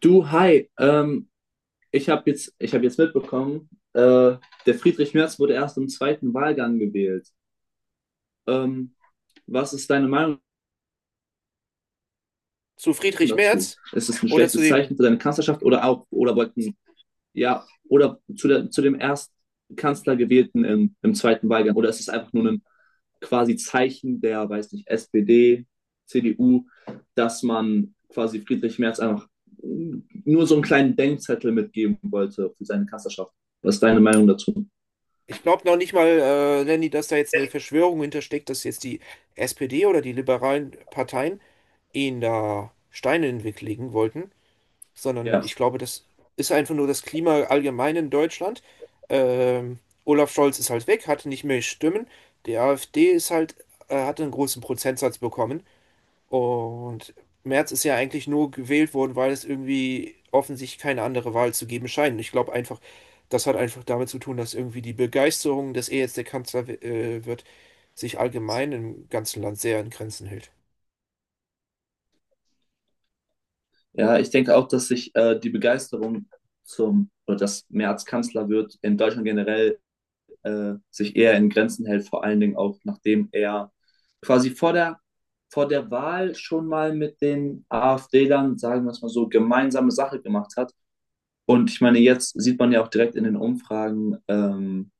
Du, hi, ich hab jetzt mitbekommen, äh, der Friedrich Merz wurde erst im zweiten Wahlgang gewählt. Ähm, Was ist deine Meinung Zu Friedrich dazu? Merz Ist es ein oder zu schlechtes dem, Zeichen für deine Kanzlerschaft oder auch, oder wollten ja, oder zu, der, zu dem ersten Kanzler gewählten im zweiten Wahlgang. Oder ist es einfach nur ein quasi Zeichen der, weiß nicht, SPD, CDU, dass man quasi Friedrich Merz einfach nur so einen kleinen Denkzettel mitgeben wollte für seine Kanzlerschaft? Was ist deine Meinung dazu? ich glaube noch nicht mal, Lenny, dass da jetzt eine Verschwörung hintersteckt, dass jetzt die SPD oder die liberalen Parteien ihn da Steine in den Weg legen wollten, sondern Ja, ich glaube, das ist einfach nur das Klima allgemein in Deutschland. Ähm, Olaf Scholz ist halt weg, hatte nicht mehr Stimmen. Die AfD ist halt, hat einen großen Prozentsatz bekommen. Und Merz ist ja eigentlich nur gewählt worden, weil es irgendwie offensichtlich keine andere Wahl zu geben scheint. Ich glaube einfach, das hat einfach damit zu tun, dass irgendwie die Begeisterung, dass er jetzt der Kanzler wird, sich allgemein im ganzen Land sehr in Grenzen hält. ja, ich denke auch, dass sich die Begeisterung zum, oder dass Merz Kanzler wird, in Deutschland generell sich eher in Grenzen hält, vor allen Dingen auch nachdem er quasi vor der Wahl schon mal mit den AfD-Lern, sagen wir es mal so, gemeinsame Sache gemacht hat. Und ich meine, jetzt sieht man ja auch direkt in den Umfragen,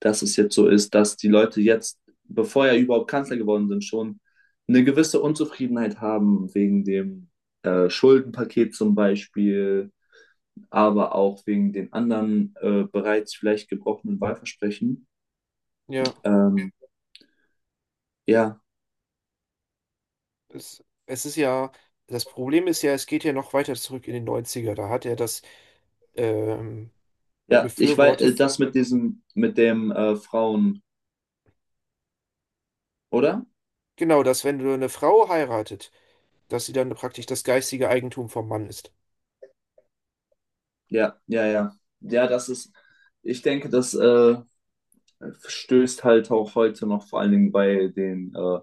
dass es jetzt so ist, dass die Leute jetzt, bevor er überhaupt Kanzler geworden sind, schon eine gewisse Unzufriedenheit haben wegen dem Schuldenpaket zum Beispiel, aber auch wegen den anderen bereits vielleicht gebrochenen Wahlversprechen. Ja, Ähm, Ja, es ist ja, das Problem ist ja, es geht ja noch weiter zurück in den Neunziger. Da hat er das ähm, ja, ich weiß, befürwortet. das mit diesem, mit dem Frauen, oder? Genau, dass wenn du eine Frau heiratet, dass sie dann praktisch das geistige Eigentum vom Mann ist. Ja, ja, ja. Ja, das ist, ich denke, das stößt halt auch heute noch vor allen Dingen bei den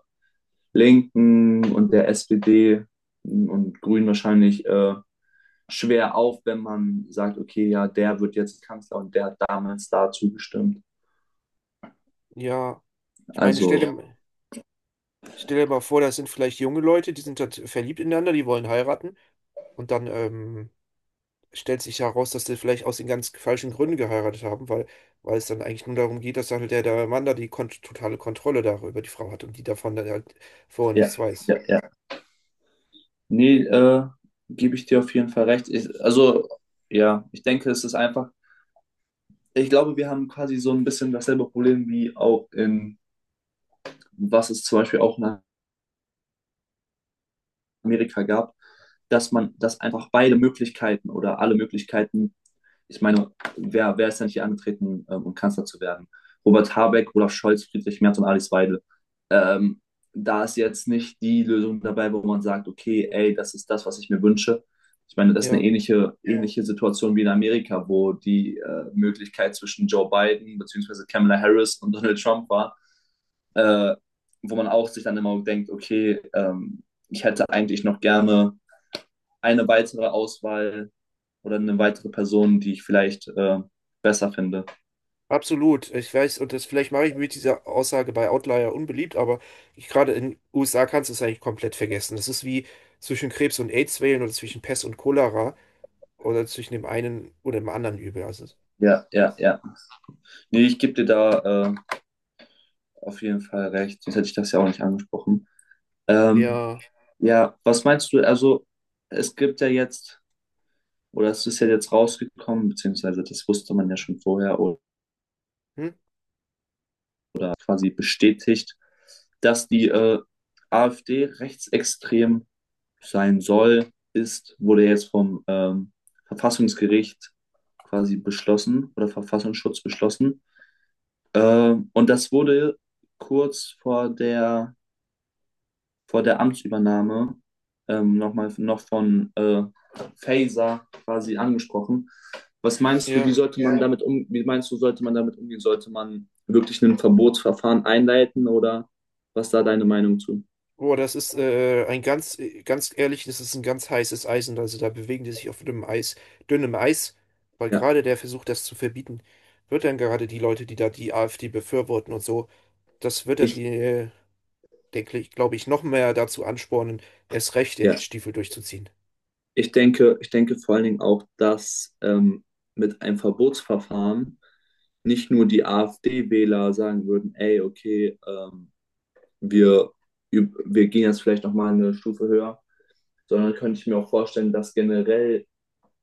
Linken und der SPD und Grünen wahrscheinlich schwer auf, wenn man sagt, okay, ja, der wird jetzt Kanzler und der hat damals dazu gestimmt. Ja, ich meine, Also, ja. Stell dir mal vor, das sind vielleicht junge Leute, die sind dort verliebt ineinander, die wollen heiraten. Und dann stellt sich heraus, dass die vielleicht aus den ganz falschen Gründen geheiratet haben, weil es dann eigentlich nur darum geht, dass dann halt der Mann da die kon totale Kontrolle darüber die Frau hat und die davon dann halt vorher Ja, nichts weiß. ja, ja. Nee, gebe ich dir auf jeden Fall recht. Ich, also, ja, ich denke, es ist einfach, ich glaube, wir haben quasi so ein bisschen dasselbe Problem wie auch in, was es zum Beispiel auch in Amerika gab, dass man, dass einfach beide Möglichkeiten oder alle Möglichkeiten, ich meine, wer ist denn nicht hier angetreten, um Kanzler zu werden? Robert Habeck, Olaf Scholz, Friedrich Merz und Alice Weidel. Ähm, Da ist jetzt nicht die Lösung dabei, wo man sagt, okay, ey, das ist das, was ich mir wünsche. Ich meine, das ist eine Ja, ähnliche Situation wie in Amerika, wo die Möglichkeit zwischen Joe Biden bzw. Kamala Harris und Donald Trump war. äh, Wo man auch sich dann immer denkt, okay, ich hätte eigentlich noch gerne eine weitere Auswahl oder eine weitere Person, die ich vielleicht besser finde. absolut. Ich weiß, und das vielleicht mache ich mit dieser Aussage bei Outlier unbeliebt, aber ich, gerade in USA kannst du es eigentlich komplett vergessen. Das ist wie zwischen Krebs und AIDS wählen oder zwischen Pest und Cholera oder zwischen dem einen oder dem anderen Übel. Also Ja, ja, ja. Nee, ich gebe dir da auf jeden Fall recht. Sonst hätte ich das ja auch nicht angesprochen. Ähm, ja, ja, was meinst du? Also, es gibt ja jetzt, oder es ist ja jetzt rausgekommen, beziehungsweise das wusste man ja schon vorher oder hm? quasi bestätigt, dass die AfD rechtsextrem sein soll, ist, wurde jetzt vom Verfassungsgericht quasi beschlossen oder Verfassungsschutz beschlossen. Und das wurde kurz vor der Amtsübernahme nochmal noch von Faser quasi angesprochen. Was meinst du, wie Ja. sollte man damit um, wie meinst du, sollte man damit umgehen? Sollte man wirklich ein Verbotsverfahren einleiten oder was ist da deine Meinung zu? Boah, das ist ganz ehrlich, das ist ein ganz heißes Eisen. Also da bewegen die sich auf dünnem Eis, weil Ja, gerade der Versuch, das zu verbieten, wird dann gerade die Leute, die da die AfD befürworten und so, das wird dann ich, denke ich, glaube ich, noch mehr dazu anspornen, erst recht ja. den Stiefel durchzuziehen. Ich denke vor allen Dingen auch, dass mit einem Verbotsverfahren nicht nur die AfD-Wähler sagen würden, ey, okay, wir, wir gehen jetzt vielleicht nochmal eine Stufe höher, sondern könnte ich mir auch vorstellen, dass generell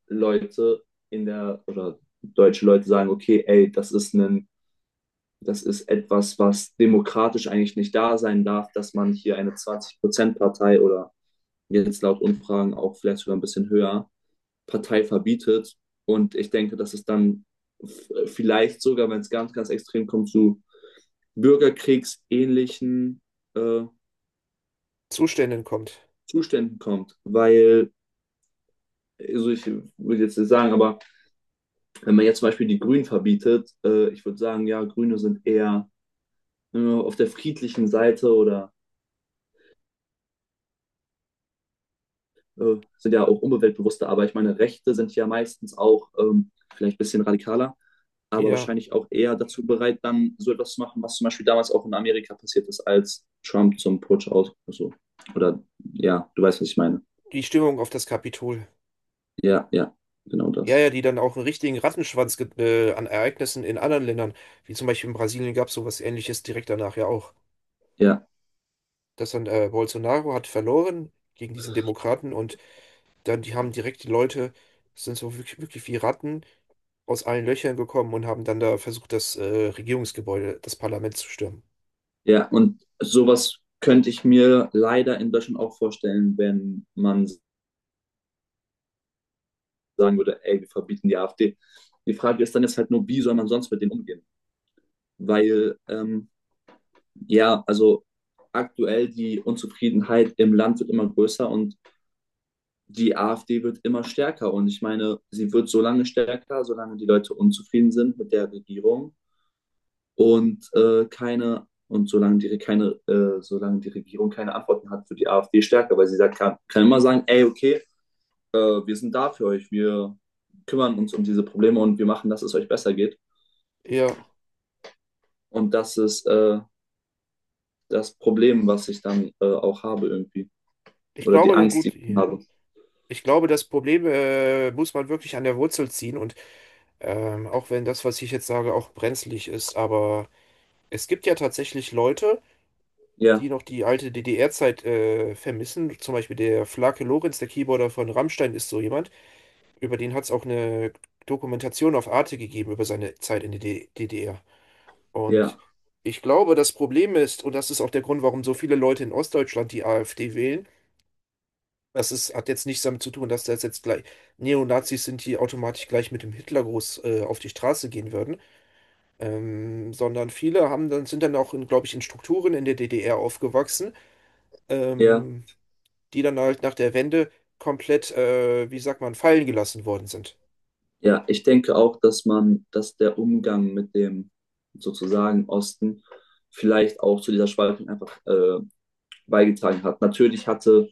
Leute in der, oder deutsche Leute sagen, okay, ey, das ist ein, das ist etwas, was demokratisch eigentlich nicht da sein darf, dass man hier eine 20-Prozent-Partei oder jetzt laut Umfragen auch vielleicht sogar ein bisschen höher, Partei verbietet. Und ich denke, dass es dann vielleicht sogar, wenn es ganz, ganz extrem kommt, zu bürgerkriegsähnlichen äh, Zuständen kommt. Zuständen kommt. Weil, also ich würde jetzt nicht sagen, aber wenn man jetzt zum Beispiel die Grünen verbietet, ich würde sagen, ja, Grüne sind eher auf der friedlichen Seite oder sind ja auch umweltbewusster, aber ich meine, Rechte sind ja meistens auch vielleicht ein bisschen radikaler. Aber Ja, wahrscheinlich auch eher dazu bereit, dann so etwas zu machen, was zum Beispiel damals auch in Amerika passiert ist, als Trump zum Putsch aus, also, oder ja, du weißt, was ich meine. die Stimmung auf das Kapitol. Ja, ja, genau Ja, das. ja, die dann auch einen richtigen Rattenschwanz an Ereignissen in anderen Ländern, wie zum Beispiel in Brasilien gab es sowas Ähnliches direkt danach ja auch. Ja, Dass dann Bolsonaro hat verloren gegen diesen Demokraten und dann die haben direkt die Leute, sind so wirklich, wirklich wie Ratten aus allen Löchern gekommen und haben dann da versucht, das Regierungsgebäude, das Parlament zu stürmen. ja, und sowas könnte ich mir leider in Deutschland auch vorstellen, wenn man sagen würde, ey, wir verbieten die AfD. Die Frage ist dann jetzt halt nur, wie soll man sonst mit denen umgehen? Weil, ja, also aktuell die Unzufriedenheit im Land wird immer größer und die AfD wird immer stärker. Und ich meine, sie wird so lange stärker, solange die Leute unzufrieden sind mit der Regierung und keine und solange die, keine, solange die Regierung keine Antworten hat, wird die AfD stärker, weil sie sagt, kann immer sagen, ey, okay, wir sind da für euch, wir kümmern uns um diese Probleme und wir machen, dass es euch besser geht. Ja, Und das ist das Problem, was ich dann auch habe irgendwie. ich Oder die glaube, denn Angst, die gut, ich habe. ich glaube, das Problem muss man wirklich an der Wurzel ziehen und auch wenn das, was ich jetzt sage, auch brenzlig ist, aber es gibt ja tatsächlich Leute, die Ja, noch die alte DDR-Zeit vermissen. Zum Beispiel der Flake Lorenz, der Keyboarder von Rammstein, ist so jemand. Über den hat es auch eine Dokumentation auf Arte gegeben über seine Zeit in der DDR. Und ja, ich glaube, das Problem ist, und das ist auch der Grund, warum so viele Leute in Ostdeutschland die AfD wählen, das ist, hat jetzt nichts damit zu tun, dass das jetzt gleich Neonazis sind, die automatisch gleich mit dem Hitlergruß auf die Straße gehen würden, sondern viele haben dann, sind dann auch, glaube ich, in Strukturen in der DDR aufgewachsen ja. ähm, die dann halt nach der Wende komplett, wie sagt man, fallen gelassen worden sind. Ja, ich denke auch, dass man, dass der Umgang mit dem sozusagen Osten vielleicht auch zu dieser Spaltung einfach beigetragen hat. Natürlich hatte,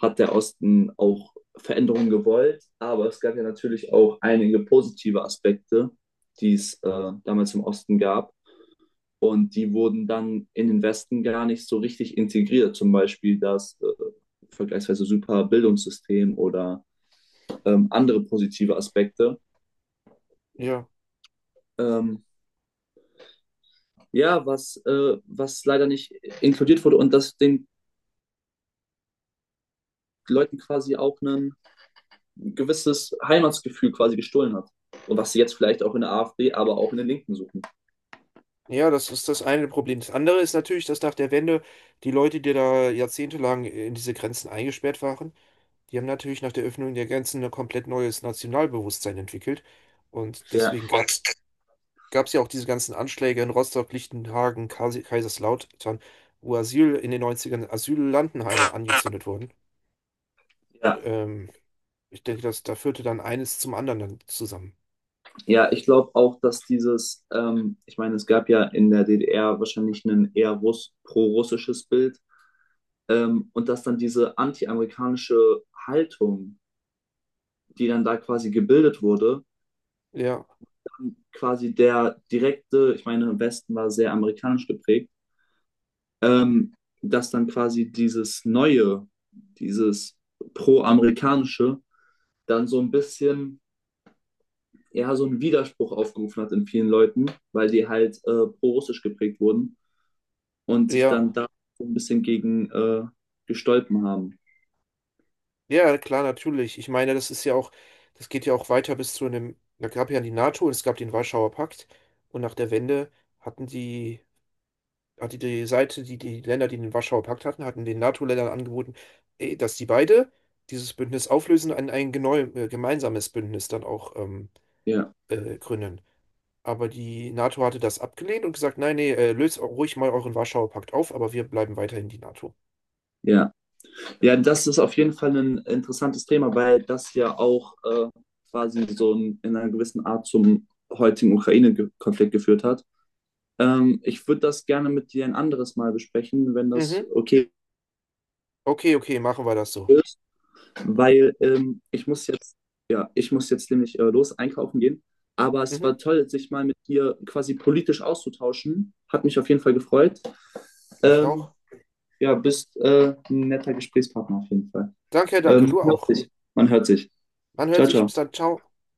hat der Osten auch Veränderungen gewollt, aber es gab ja natürlich auch einige positive Aspekte, die es damals im Osten gab. Und die wurden dann in den Westen gar nicht so richtig integriert. Zum Beispiel das vergleichsweise super Bildungssystem oder andere positive Aspekte. Ja. Ähm, ja, was, was leider nicht inkludiert wurde und das den Leuten quasi auch ein gewisses Heimatsgefühl quasi gestohlen hat. Und was sie jetzt vielleicht auch in der AfD, aber auch in den Linken suchen. Ja, das ist das eine Problem. Das andere ist natürlich, dass nach der Wende die Leute, die da jahrzehntelang in diese Grenzen eingesperrt waren, die haben natürlich nach der Öffnung der Grenzen ein komplett neues Nationalbewusstsein entwickelt. Und Ja, deswegen gab's ja auch diese ganzen Anschläge in Rostock, Lichtenhagen, Kaiserslautern, wo Asyl in den Neunzigern, ern Asyllandenheime angezündet wurden. ja, Ähm, ich denke, dass da führte dann eines zum anderen dann zusammen. ja, ich glaube auch, dass dieses, ich meine, es gab ja in der DDR wahrscheinlich ein eher Russ pro-russisches Bild, und dass dann diese anti-amerikanische Haltung, die dann da quasi gebildet wurde, Ja, quasi der direkte, ich meine, im Westen war sehr amerikanisch geprägt, ähm, dass dann quasi dieses Neue, dieses Pro-Amerikanische, dann so ein bisschen ja, so einen Widerspruch aufgerufen hat in vielen Leuten, weil die halt pro-russisch geprägt wurden und sich ja, dann da so ein bisschen gegen gestolpen haben. ja, klar, natürlich. Ich meine, das ist ja auch, das geht ja auch weiter bis zu einem, da gab ja die NATO und es gab den Warschauer Pakt und nach der Wende hatten die, hatte die Seite, die Länder, die den Warschauer Pakt hatten, hatten den NATO-Ländern angeboten, eh, dass die beide dieses Bündnis auflösen und ein gemeinsames Bündnis dann auch Ja, gründen. Aber die NATO hatte das abgelehnt und gesagt, nein, nee, löst auch ruhig mal euren Warschauer Pakt auf, aber wir bleiben weiterhin die NATO. ja. Ja, das ist auf jeden Fall ein interessantes Thema, weil das ja auch quasi so ein, in einer gewissen Art zum heutigen Ukraine-Konflikt geführt hat. Ich würde das gerne mit dir ein anderes Mal besprechen, wenn das Mhm. okay Okay, okay, machen wir das so. ist, weil ich muss jetzt, ja, ich muss jetzt nämlich los einkaufen gehen. Aber es Mhm. war toll, sich mal mit dir quasi politisch auszutauschen. Hat mich auf jeden Fall gefreut. Mich auch. Ähm, ja, bist ein netter Gesprächspartner auf jeden Fall. Danke, danke, du Man hört auch. sich. Man hört sich. Man hört Ciao, sich. Bis ciao. dann. Ciao.